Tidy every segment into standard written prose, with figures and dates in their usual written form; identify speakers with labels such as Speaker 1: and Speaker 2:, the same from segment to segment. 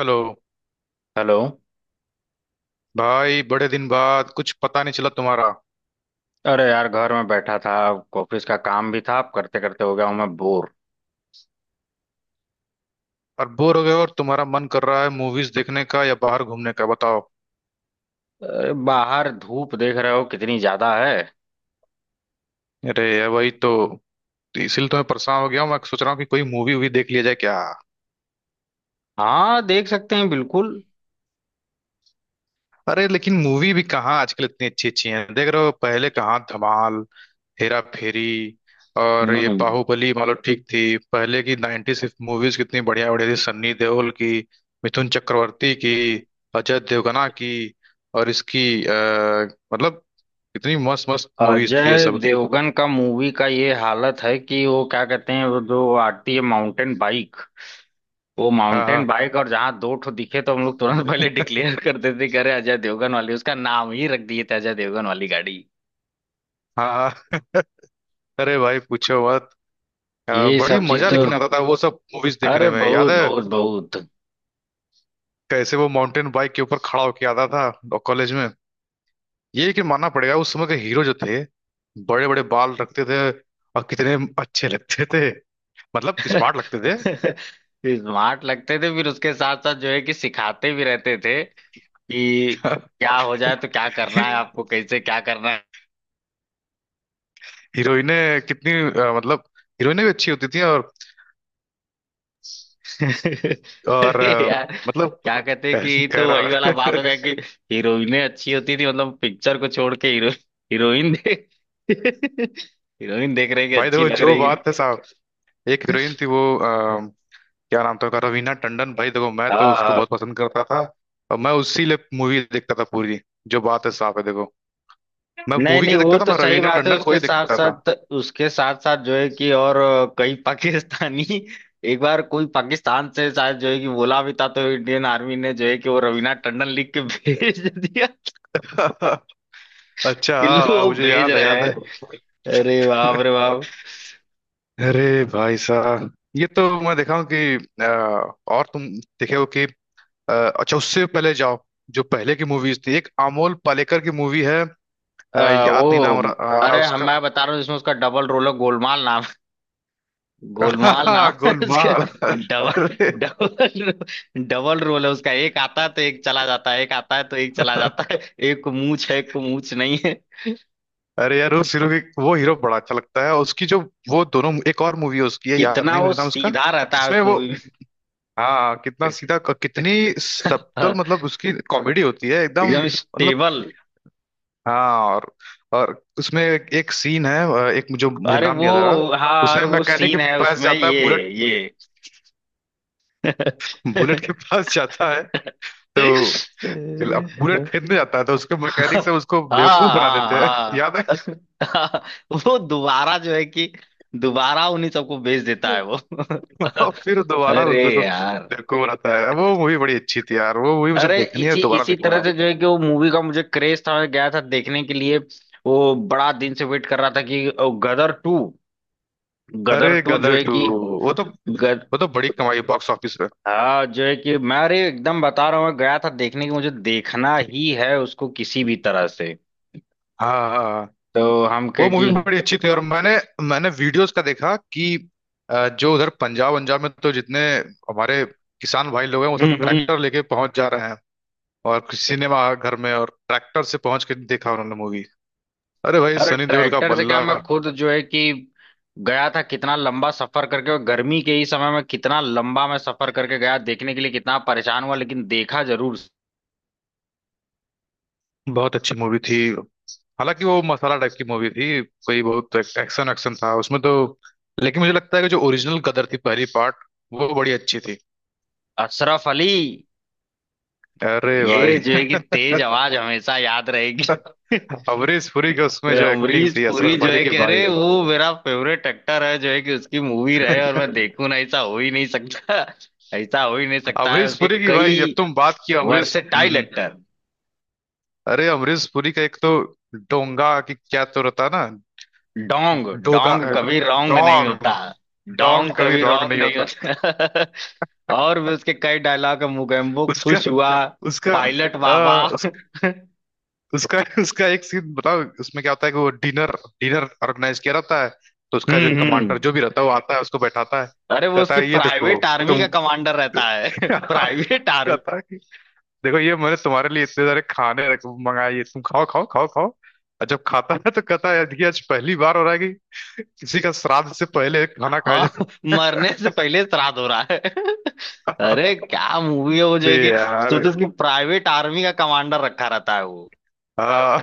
Speaker 1: Hello.
Speaker 2: Hello.
Speaker 1: भाई बड़े दिन बाद कुछ पता नहीं चला तुम्हारा।
Speaker 2: अरे यार, घर में बैठा था। ऑफिस का काम भी था, अब करते करते हो गया हूं मैं बोर।
Speaker 1: और बोर हो गए? और तुम्हारा मन कर रहा है मूवीज देखने का या बाहर घूमने का, बताओ।
Speaker 2: अरे बाहर धूप देख रहे हो कितनी ज्यादा है।
Speaker 1: अरे ये वही तो इसीलिए तो मैं परेशान हो गया हूँ। मैं सोच रहा हूँ कि कोई मूवी वूवी देख लिया जाए क्या।
Speaker 2: हाँ, देख सकते हैं बिल्कुल।
Speaker 1: अरे लेकिन मूवी भी कहाँ आजकल इतनी अच्छी अच्छी है, देख रहे हो? पहले कहाँ धमाल, हेरा फेरी, और ये
Speaker 2: हम्म।
Speaker 1: बाहुबली मान लो ठीक थी। पहले की 90s मूवीज कितनी बढ़िया बढ़िया थी, सन्नी देओल की, मिथुन चक्रवर्ती की, अजय देवगना की, और इसकी मतलब कितनी मस्त मस्त मूवीज थी ये
Speaker 2: अजय
Speaker 1: सब।
Speaker 2: देवगन का मूवी का ये हालत है कि वो क्या कहते हैं, वो जो आती है माउंटेन बाइक, वो
Speaker 1: हाँ
Speaker 2: माउंटेन
Speaker 1: हाँ।
Speaker 2: बाइक, और जहाँ दो ठो दिखे तो हम लोग तुरंत पहले डिक्लेयर कर देते कि अरे अजय देवगन वाली, उसका नाम ही रख दिए थे अजय देवगन वाली गाड़ी।
Speaker 1: हाँ हाँ। अरे भाई पूछो मत।
Speaker 2: ये
Speaker 1: बड़ी
Speaker 2: सब चीज
Speaker 1: मजा
Speaker 2: तो,
Speaker 1: लेकिन आता था वो सब मूवीज देखने
Speaker 2: अरे
Speaker 1: में, याद
Speaker 2: बहुत
Speaker 1: है
Speaker 2: बहुत बहुत।
Speaker 1: कैसे वो माउंटेन बाइक के ऊपर खड़ा होके आता था कॉलेज में। ये लेकिन मानना पड़ेगा उस समय के हीरो जो थे, बड़े बड़े बाल रखते थे, और कितने अच्छे लगते थे, मतलब स्मार्ट लगते थे।
Speaker 2: स्मार्ट लगते थे, फिर उसके साथ साथ जो है कि सिखाते भी रहते थे कि क्या हो जाए तो क्या करना है आपको, कैसे क्या करना
Speaker 1: हीरोइनें कितनी मतलब हीरोइनें भी अच्छी होती थी।
Speaker 2: है।
Speaker 1: और
Speaker 2: अरे यार,
Speaker 1: मतलब
Speaker 2: क्या कहते हैं कि ये
Speaker 1: कह
Speaker 2: तो
Speaker 1: रहा।
Speaker 2: वही वाला बात हो गया कि हीरोइनें अच्छी होती थी, मतलब पिक्चर को छोड़ के हीरो हीरोइन दे, हीरोइन देख रही कि
Speaker 1: भाई
Speaker 2: अच्छी
Speaker 1: देखो
Speaker 2: लग
Speaker 1: जो
Speaker 2: रही
Speaker 1: बात है साहब, एक हीरोइन थी वो क्या नाम था उसका, रवीना टंडन। भाई देखो मैं तो
Speaker 2: हाँ
Speaker 1: उसको
Speaker 2: हाँ।
Speaker 1: बहुत पसंद करता था, और मैं उसी लिए मूवी देखता था पूरी। जो बात है साहब है देखो, मैं
Speaker 2: नहीं
Speaker 1: मूवी
Speaker 2: नहीं,
Speaker 1: क्या देखता
Speaker 2: वो
Speaker 1: था,
Speaker 2: तो
Speaker 1: मैं
Speaker 2: सही
Speaker 1: रवीना
Speaker 2: बात है,
Speaker 1: टंडन को ही देखता
Speaker 2: उसके साथ साथ जो है कि, और कई पाकिस्तानी। एक बार कोई पाकिस्तान से शायद जो है कि बोला भी था, तो इंडियन आर्मी ने जो है कि वो रवीना टंडन लिख के भेज दिया
Speaker 1: था। अच्छा
Speaker 2: कि
Speaker 1: हाँ,
Speaker 2: लो
Speaker 1: हाँ,
Speaker 2: वो
Speaker 1: मुझे
Speaker 2: भेज
Speaker 1: याद है,
Speaker 2: रहे
Speaker 1: याद है।
Speaker 2: हैं। अरे बाप रे बाप।
Speaker 1: अरे भाई साहब ये तो मैं देखा हूँ कि अ, और तुम देखे हो कि अ, अच्छा उससे पहले जाओ, जो पहले की मूवीज थी, एक अमोल पालेकर की मूवी है। अ, याद नहीं नाम
Speaker 2: वो,
Speaker 1: आ रहा
Speaker 2: अरे हम
Speaker 1: उसका।
Speaker 2: मैं बता रहा हूँ, इसमें उसका डबल रोल है, गोलमाल नाम है। गोलमाल नाम है उसका।
Speaker 1: गोलमाल।
Speaker 2: डबल
Speaker 1: अरे
Speaker 2: डबल डबल रोल है उसका। एक आता है तो एक चला जाता है, एक आता है तो एक चला जाता है। एक को मूछ है, एक को मूछ नहीं।
Speaker 1: अरे यार उस हीरो की, वो हीरो बड़ा अच्छा लगता है, उसकी जो वो दोनों, एक और मूवी उसकी है, याद
Speaker 2: इतना
Speaker 1: नहीं
Speaker 2: वो
Speaker 1: मुझे नाम उसका,
Speaker 2: सीधा रहता है उस
Speaker 1: जिसमें वो।
Speaker 2: मूवी
Speaker 1: हाँ कितना सीधा, कितनी सब्टल
Speaker 2: में।
Speaker 1: मतलब उसकी कॉमेडी होती है एकदम,
Speaker 2: एकदम
Speaker 1: मतलब।
Speaker 2: स्टेबल।
Speaker 1: हाँ और उसमें एक सीन है, एक जो मुझे
Speaker 2: अरे
Speaker 1: नाम
Speaker 2: वो,
Speaker 1: नहीं याद आ रहा।
Speaker 2: हाँ
Speaker 1: उसमें
Speaker 2: अरे वो
Speaker 1: मैकेनिक के
Speaker 2: सीन है
Speaker 1: पास
Speaker 2: उसमें
Speaker 1: जाता है,
Speaker 2: ये
Speaker 1: बुलेट
Speaker 2: ये
Speaker 1: बुलेट के पास जाता है तो, अब बुलेट खरीदने जाता है तो उसके मैकेनिक से उसको
Speaker 2: हाँ
Speaker 1: बेवकूफ बना देते हैं।
Speaker 2: हाँ
Speaker 1: याद है
Speaker 2: हाँ। वो दोबारा जो है कि दोबारा उन्हीं सबको भेज देता है वो।
Speaker 1: और फिर दोबारा उन
Speaker 2: अरे
Speaker 1: लोगों को
Speaker 2: यार।
Speaker 1: बेवकूफ बनाता है। वो मूवी बड़ी अच्छी थी यार, वो मूवी मुझे
Speaker 2: अरे
Speaker 1: देखनी है
Speaker 2: इसी
Speaker 1: दोबारा,
Speaker 2: इसी
Speaker 1: देखूंगा
Speaker 2: तरह
Speaker 1: मैं।
Speaker 2: से जो है कि वो मूवी का मुझे क्रेज था, मैं गया था देखने के लिए। वो बड़ा दिन से वेट कर रहा था कि गदर 2,
Speaker 1: अरे
Speaker 2: गदर टू जो
Speaker 1: गदर
Speaker 2: है
Speaker 1: टू
Speaker 2: कि
Speaker 1: वो तो,
Speaker 2: गद
Speaker 1: वो तो बड़ी कमाई बॉक्स ऑफिस पे।
Speaker 2: हाँ जो है कि मैं अरे एकदम बता रहा हूँ, मैं गया था देखने की, मुझे देखना ही है उसको किसी भी तरह से।
Speaker 1: हाँ हाँ हाँ।
Speaker 2: तो हम
Speaker 1: वो
Speaker 2: कहे
Speaker 1: मूवी
Speaker 2: कि,
Speaker 1: बड़ी अच्छी थी, और मैंने मैंने वीडियोस का देखा कि जो उधर पंजाब पंजाब में तो जितने हमारे किसान भाई लोग हैं, वो
Speaker 2: हम्म
Speaker 1: सब
Speaker 2: हम्म।
Speaker 1: ट्रैक्टर लेके पहुंच जा रहे हैं और किसी सिनेमा घर में, और ट्रैक्टर से पहुंच के देखा उन्होंने मूवी। अरे भाई
Speaker 2: अरे
Speaker 1: सनी देओल का
Speaker 2: ट्रैक्टर से क्या,
Speaker 1: बल्ला।
Speaker 2: मैं खुद जो है कि गया था, कितना लंबा सफर करके, और गर्मी के ही समय में कितना लंबा मैं सफर करके गया देखने के लिए, कितना परेशान हुआ लेकिन देखा जरूर।
Speaker 1: बहुत अच्छी मूवी थी, हालांकि वो मसाला टाइप की मूवी थी, कोई बहुत एक्शन एक्शन था उसमें तो, लेकिन मुझे लगता है कि जो ओरिजिनल कदर थी, पहली पार्ट, वो बड़ी अच्छी थी।
Speaker 2: अशरफ अली,
Speaker 1: अरे
Speaker 2: ये
Speaker 1: भाई।
Speaker 2: जो है कि तेज आवाज हमेशा याद रहेगी।
Speaker 1: अमरीश पुरी की
Speaker 2: तो
Speaker 1: उसमें जो एक्टिंग
Speaker 2: अमरीश
Speaker 1: थी,
Speaker 2: पुरी
Speaker 1: अशरफ
Speaker 2: जो
Speaker 1: अली
Speaker 2: है
Speaker 1: की
Speaker 2: कि,
Speaker 1: भाई।
Speaker 2: अरे वो मेरा फेवरेट एक्टर है जो है कि, उसकी मूवी रहे और मैं देखूं ना, ऐसा हो ही नहीं सकता। ऐसा हो ही नहीं सकता है,
Speaker 1: अमरीश
Speaker 2: उसके
Speaker 1: पुरी की भाई,
Speaker 2: कई
Speaker 1: जब तुम बात किया अमरीश।
Speaker 2: Versatile actor.
Speaker 1: अरे अमरीश पुरी का एक तो डोंगा की क्या तो रहता है ना।
Speaker 2: डोंग
Speaker 1: डोगा
Speaker 2: डोंग कभी रॉन्ग नहीं होता।
Speaker 1: डोंग। डोंग
Speaker 2: डोंग
Speaker 1: कभी
Speaker 2: कभी
Speaker 1: रॉन्ग
Speaker 2: रॉन्ग
Speaker 1: नहीं
Speaker 2: नहीं
Speaker 1: होता।
Speaker 2: होता। और भी उसके कई डायलॉग है, मुगेम्बो
Speaker 1: उसका
Speaker 2: खुश हुआ,
Speaker 1: उसका
Speaker 2: पायलट बाबा।
Speaker 1: आ, उसका उसका एक सीन बताओ उसमें क्या होता है कि वो डिनर डिनर ऑर्गेनाइज किया रहता है, तो उसका जो
Speaker 2: हम्म।
Speaker 1: कमांडर जो भी रहता है वो आता है उसको बैठाता है।
Speaker 2: अरे वो
Speaker 1: कहता
Speaker 2: उसकी
Speaker 1: है ये देखो
Speaker 2: प्राइवेट आर्मी का
Speaker 1: तुम।
Speaker 2: कमांडर रहता है।
Speaker 1: कहता
Speaker 2: प्राइवेट आर्मी।
Speaker 1: है देखो ये मैंने तुम्हारे लिए इतने सारे खाने रख मंगाए, ये तुम खाओ खाओ खाओ खाओ। और जब खाता है तो कहता है कि आज पहली बार हो रहा है कि किसी का श्राद्ध से पहले खाना खाया जा
Speaker 2: हाँ, मरने से पहले श्राद्ध हो रहा है।
Speaker 1: रहा
Speaker 2: अरे
Speaker 1: है।"
Speaker 2: क्या मूवी है वो, जो
Speaker 1: अरे
Speaker 2: है कि
Speaker 1: यार।
Speaker 2: सोचो उसकी प्राइवेट आर्मी का कमांडर रखा रहता है वो।
Speaker 1: हाँ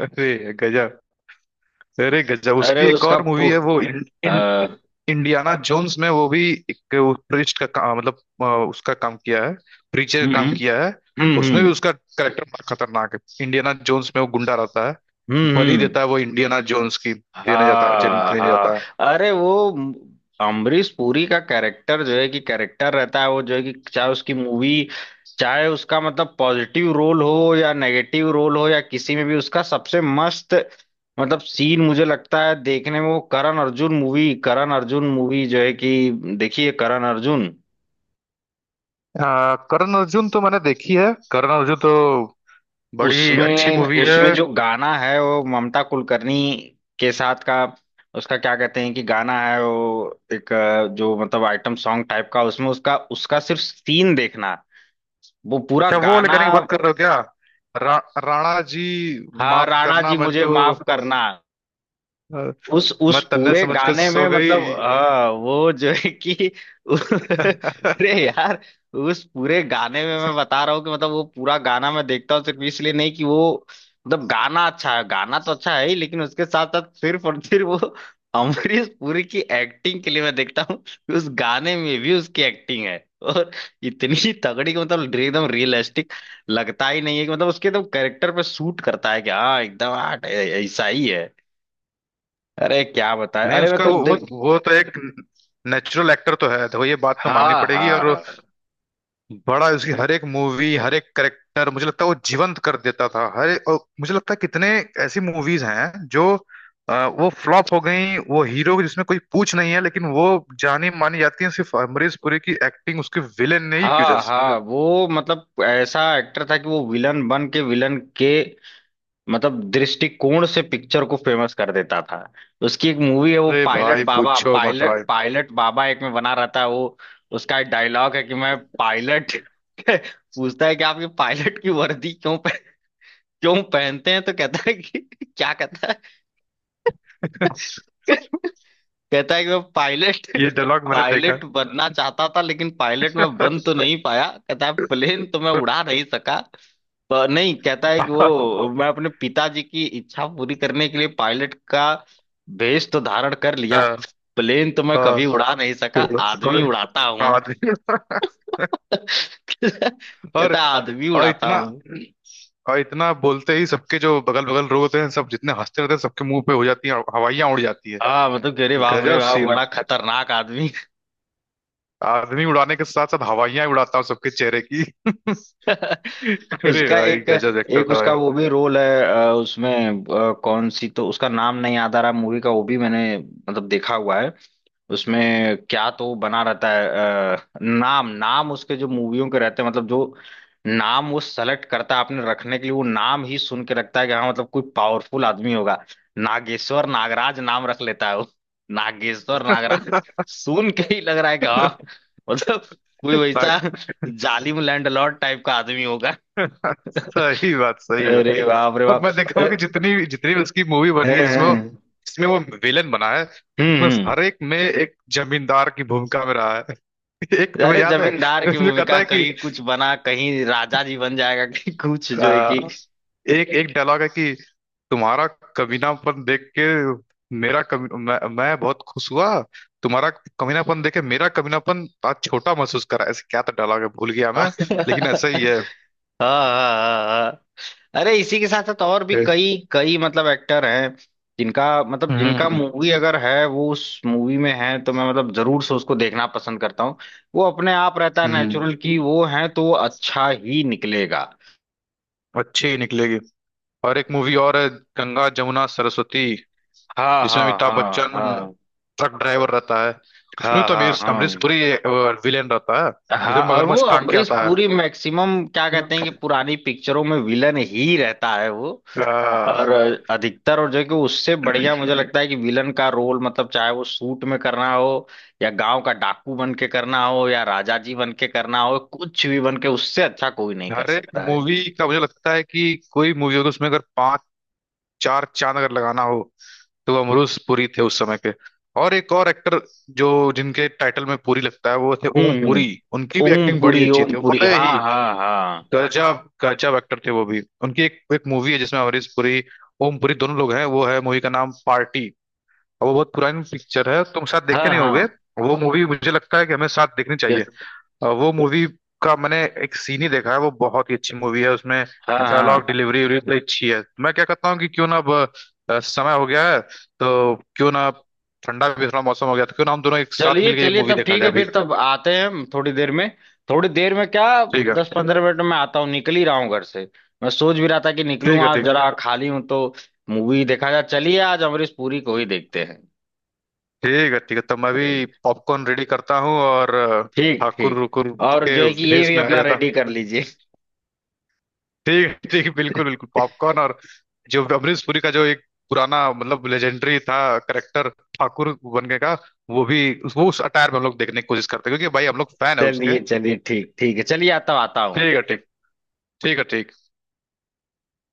Speaker 1: अरे गजब। अरे गजब
Speaker 2: अरे
Speaker 1: उसकी एक और मूवी है वो इन,
Speaker 2: अ,
Speaker 1: इन, इंडियाना जोन्स में, वो भी एक प्रिस्ट का काम, मतलब उसका काम किया है, प्रीचर का काम
Speaker 2: हम्म
Speaker 1: किया है। उसमें
Speaker 2: हम्म।
Speaker 1: भी उसका करेक्टर बड़ा खतरनाक है। इंडियाना जोन्स में वो गुंडा रहता है,
Speaker 2: हम्म
Speaker 1: बलि
Speaker 2: हम्म,
Speaker 1: देता है, वो इंडियाना जोन्स की
Speaker 2: हाँ
Speaker 1: देने
Speaker 2: हाँ।
Speaker 1: जाता है।
Speaker 2: अरे वो अमरीश पुरी का कैरेक्टर जो है कि कैरेक्टर रहता है वो जो है कि, चाहे उसकी मूवी, चाहे उसका मतलब पॉजिटिव रोल हो या नेगेटिव रोल हो या किसी में भी, उसका सबसे मस्त मतलब सीन मुझे लगता है देखने में वो करण अर्जुन मूवी, जो है कि, देखिए करण अर्जुन।
Speaker 1: आ, करण अर्जुन तो मैंने देखी है। करण अर्जुन तो बड़ी अच्छी
Speaker 2: उसमें
Speaker 1: मूवी है।
Speaker 2: उसमें जो गाना है वो ममता कुलकर्णी के साथ का, उसका क्या कहते हैं कि गाना है वो एक, जो मतलब आइटम सॉन्ग टाइप का, उसमें उसका उसका सिर्फ सीन देखना, वो पूरा
Speaker 1: अच्छा वो वाले
Speaker 2: गाना।
Speaker 1: गाने की बात कर रहे हो क्या, रा, राणा जी
Speaker 2: हाँ
Speaker 1: माफ
Speaker 2: राणा
Speaker 1: करना,
Speaker 2: जी
Speaker 1: मैं
Speaker 2: मुझे
Speaker 1: तो
Speaker 2: माफ करना।
Speaker 1: अ,
Speaker 2: उस
Speaker 1: मैं
Speaker 2: उस
Speaker 1: तन्ने
Speaker 2: पूरे
Speaker 1: समझ के
Speaker 2: गाने
Speaker 1: सो
Speaker 2: में मतलब,
Speaker 1: गई।
Speaker 2: हाँ वो जो है कि, अरे यार, उस पूरे गाने में मैं बता रहा हूँ कि मतलब वो पूरा गाना मैं देखता हूँ, सिर्फ इसलिए नहीं कि वो मतलब गाना अच्छा है, गाना तो अच्छा है ही, लेकिन उसके साथ साथ सिर्फ और सिर्फ वो अमरीश पुरी की एक्टिंग के लिए मैं देखता हूँ, कि उस गाने में भी उसकी एक्टिंग है, और इतनी तगड़ी कि मतलब एकदम रियलिस्टिक, लगता ही नहीं है कि मतलब उसके एकदम कैरेक्टर पे सूट करता है, कि हाँ एकदम, हाँ, ऐसा ही। अरे क्या बताए,
Speaker 1: नहीं
Speaker 2: अरे मैं
Speaker 1: उसका
Speaker 2: तो देख,
Speaker 1: वो तो एक नेचुरल एक्टर तो है, तो ये बात तो माननी
Speaker 2: हाँ
Speaker 1: पड़ेगी, और
Speaker 2: हाँ
Speaker 1: बड़ा उसकी हर एक मूवी हर एक करेक्टर मुझे लगता है वो जीवंत कर देता था हर एक, और मुझे लगता है कितने ऐसी मूवीज हैं जो वो फ्लॉप हो गई, वो हीरो जिसमें कोई पूछ नहीं है, लेकिन वो जानी मानी जाती है सिर्फ अमरीश पुरी की एक्टिंग, उसके विलेन ने ही की वजह
Speaker 2: हाँ
Speaker 1: से।
Speaker 2: हाँ। वो मतलब ऐसा एक्टर था कि वो विलन बन के विलन के मतलब दृष्टिकोण से पिक्चर को फेमस कर देता था। उसकी एक मूवी है वो
Speaker 1: अरे
Speaker 2: पायलट
Speaker 1: भाई
Speaker 2: बाबा,
Speaker 1: पूछो मत
Speaker 2: पायलट
Speaker 1: भाई।
Speaker 2: पायलट बाबा एक में बना रहता है वो। उसका एक डायलॉग है कि मैं पायलट, पूछता है कि आप ये पायलट की वर्दी क्यों पहनते हैं तो कहता है कि, क्या कहता है, कहता है कि मैं पायलट
Speaker 1: ये डायलॉग मैंने देखा है।
Speaker 2: पायलट बनना चाहता था लेकिन पायलट में बन तो नहीं पाया, कहता है प्लेन तो मैं उड़ा नहीं सका, पर नहीं कहता है कि
Speaker 1: हाँ,
Speaker 2: वो, मैं अपने पिताजी की इच्छा पूरी करने के लिए पायलट का भेष तो धारण कर लिया,
Speaker 1: हाँ,
Speaker 2: प्लेन तो मैं कभी
Speaker 1: हाँ,
Speaker 2: उड़ा नहीं सका, आदमी उड़ाता हूँ।
Speaker 1: और
Speaker 2: कहता है, आदमी
Speaker 1: और
Speaker 2: उड़ाता
Speaker 1: इतना,
Speaker 2: हूँ।
Speaker 1: और इतना बोलते ही सबके जो बगल बगल लोग होते हैं, सब जितने हंसते रहते हैं, सबके मुंह पे हो जाती है हवाइयां उड़ जाती है।
Speaker 2: हाँ मतलब कि, अरे बाप रे
Speaker 1: गजब
Speaker 2: बाप,
Speaker 1: सीन।
Speaker 2: बड़ा खतरनाक आदमी।
Speaker 1: आदमी उड़ाने के साथ साथ हवाइयां उड़ाता हूँ सबके चेहरे की। अरे
Speaker 2: उसका
Speaker 1: भाई
Speaker 2: एक
Speaker 1: गजब एक्टर
Speaker 2: एक
Speaker 1: था भाई।
Speaker 2: उसका वो भी रोल है, उसमें कौन सी तो उसका नाम नहीं याद आ रहा मूवी का, वो भी मैंने मतलब देखा हुआ है। उसमें क्या तो बना रहता है। नाम नाम उसके जो मूवियों के रहते हैं, मतलब जो नाम वो सेलेक्ट करता है अपने रखने के लिए, वो नाम ही सुन के रखता है कि हाँ मतलब कोई पावरफुल आदमी होगा। नागेश्वर नागराज नाम रख लेता है वो। नागेश्वर नागराज सुन के ही लग रहा है कि हाँ, मतलब कोई
Speaker 1: ना-
Speaker 2: वैसा जालिम लैंडलॉर्ड टाइप का आदमी होगा।
Speaker 1: सही बात, सही बात।
Speaker 2: अरे बाप रे
Speaker 1: और
Speaker 2: बाप।
Speaker 1: मैं देखा हूँ
Speaker 2: अ-
Speaker 1: कि जितनी जितनी भी उसकी मूवी बनी है जिसमें वो,
Speaker 2: हम्म
Speaker 1: जिसमें वो विलेन बना है, उसमें
Speaker 2: हम्म।
Speaker 1: हर एक में एक जमींदार की भूमिका में रहा है। एक तुम्हें
Speaker 2: अरे
Speaker 1: याद है?
Speaker 2: जमींदार की
Speaker 1: उसमें कहता
Speaker 2: भूमिका
Speaker 1: है कि
Speaker 2: कहीं कुछ बना, कहीं राजा जी बन जाएगा, कहीं कुछ जो है कि।
Speaker 1: अ, एक एक डायलॉग है कि तुम्हारा कमीनापन देख के मेरा कमी, मैं बहुत खुश हुआ। तुम्हारा कमीनापन देख के मेरा कमीनापन आज छोटा महसूस करा, ऐसे क्या तो डायलॉग है, भूल गया
Speaker 2: हाँ
Speaker 1: मैं, लेकिन ऐसा ही है।
Speaker 2: हाँ हाँ हाँ। अरे इसी के साथ साथ और भी कई कई मतलब एक्टर हैं, जिनका
Speaker 1: हम्म
Speaker 2: मूवी अगर है वो उस मूवी में है, तो मैं मतलब जरूर से उसको देखना पसंद करता हूँ। वो अपने आप रहता है
Speaker 1: हम्म।
Speaker 2: नेचुरल, कि वो है तो वो अच्छा ही निकलेगा।
Speaker 1: अच्छी ही निकलेगी। और एक मूवी और है, गंगा जमुना सरस्वती,
Speaker 2: हाँ
Speaker 1: जिसमें
Speaker 2: हाँ
Speaker 1: अमिताभ
Speaker 2: हाँ
Speaker 1: बच्चन
Speaker 2: हाँ।
Speaker 1: ट्रक ड्राइवर रहता है, उसमें
Speaker 2: हाँ
Speaker 1: तो अमीर
Speaker 2: हाँ
Speaker 1: अमरीश
Speaker 2: हाँ
Speaker 1: पुरी विलेन रहता है, जिसमें
Speaker 2: हाँ। और वो
Speaker 1: मगरमच्छ टांग के
Speaker 2: अमरीश
Speaker 1: आता है।
Speaker 2: पूरी मैक्सिमम क्या कहते हैं कि पुरानी पिक्चरों में विलन ही रहता है वो,
Speaker 1: आ,
Speaker 2: और अधिकतर। और जो है कि उससे बढ़िया मुझे लगता है कि विलन का रोल, मतलब चाहे वो सूट में करना हो या गांव का डाकू बन के करना हो या राजा जी बन के करना हो, कुछ भी बन के, उससे अच्छा कोई नहीं कर
Speaker 1: हर एक
Speaker 2: सकता है।
Speaker 1: मूवी का मुझे लगता है कि कोई मूवी होगी, उसमें अगर पांच, चार चांद अगर लगाना हो तो वो अमरूज पुरी थे उस समय के। और एक और एक्टर जो, जिनके टाइटल में पुरी लगता है, वो थे
Speaker 2: हम्म
Speaker 1: ओम
Speaker 2: हम्म।
Speaker 1: पुरी। उनकी भी
Speaker 2: ओम
Speaker 1: एक्टिंग बड़ी
Speaker 2: पुरी,
Speaker 1: अच्छी
Speaker 2: ओम
Speaker 1: थी,
Speaker 2: पुरी,
Speaker 1: बड़े ही
Speaker 2: हाँ हाँ हाँ।
Speaker 1: गजब गजब एक्टर थे वो भी। उनकी एक, एक मूवी है जिसमें अमरीश पुरी, ओम पुरी दोनों लोग हैं, वो है मूवी का नाम पार्टी। और वो बहुत पुरानी पिक्चर है, तुम साथ देखे
Speaker 2: हाँ
Speaker 1: नहीं होगे।
Speaker 2: हाँ।
Speaker 1: वो मूवी मुझे लगता है कि हमें साथ देखनी
Speaker 2: यस।
Speaker 1: चाहिए। और वो मूवी का मैंने एक सीन ही देखा है, वो बहुत ही अच्छी मूवी है उसमें,
Speaker 2: हाँ
Speaker 1: डायलॉग
Speaker 2: हाँ।
Speaker 1: डिलीवरी भी बड़ी अच्छी है। मैं क्या कहता हूँ कि क्यों ना अब समय हो गया है तो क्यों ना ठंडा भी थोड़ा मौसम हो गया, तो क्यों ना हम दोनों एक साथ
Speaker 2: चलिए
Speaker 1: मिलकर ये
Speaker 2: चलिए
Speaker 1: मूवी
Speaker 2: तब
Speaker 1: देखा
Speaker 2: ठीक
Speaker 1: जाए
Speaker 2: है,
Speaker 1: अभी।
Speaker 2: फिर तब आते हैं हम थोड़ी देर में, थोड़ी देर में क्या,
Speaker 1: ठीक है,
Speaker 2: 10-15 मिनट में आता हूँ, निकल ही रहा हूँ घर से। मैं सोच भी रहा था कि निकलूँ
Speaker 1: ठीक है।
Speaker 2: आज,
Speaker 1: ठीक
Speaker 2: जरा खाली हूँ तो मूवी देखा जाए। चलिए आज अमरीश पुरी को ही देखते हैं।
Speaker 1: ठीक है। ठीक है तो मैं भी पॉपकॉर्न रेडी करता हूँ और
Speaker 2: ठीक
Speaker 1: ठाकुर
Speaker 2: ठीक।
Speaker 1: रुकुर
Speaker 2: और जो
Speaker 1: के
Speaker 2: है कि ये
Speaker 1: भेष
Speaker 2: भी
Speaker 1: में आ
Speaker 2: अपना
Speaker 1: जाता।
Speaker 2: रेडी कर लीजिए।
Speaker 1: ठीक है, बिल्कुल बिल्कुल पॉपकॉर्न, और जो अमरीश पुरी का जो एक पुराना मतलब लेजेंडरी था करेक्टर, ठाकुर बनने का, वो भी, वो उस अटायर में हम लोग देखने की कोशिश करते हैं, क्योंकि भाई हम लोग फैन है उसके।
Speaker 2: चलिए चलिए ठीक ठीक है, चलिए आता आता हूँ मैं।
Speaker 1: ठीक है ठीक। ठीक है ठीक।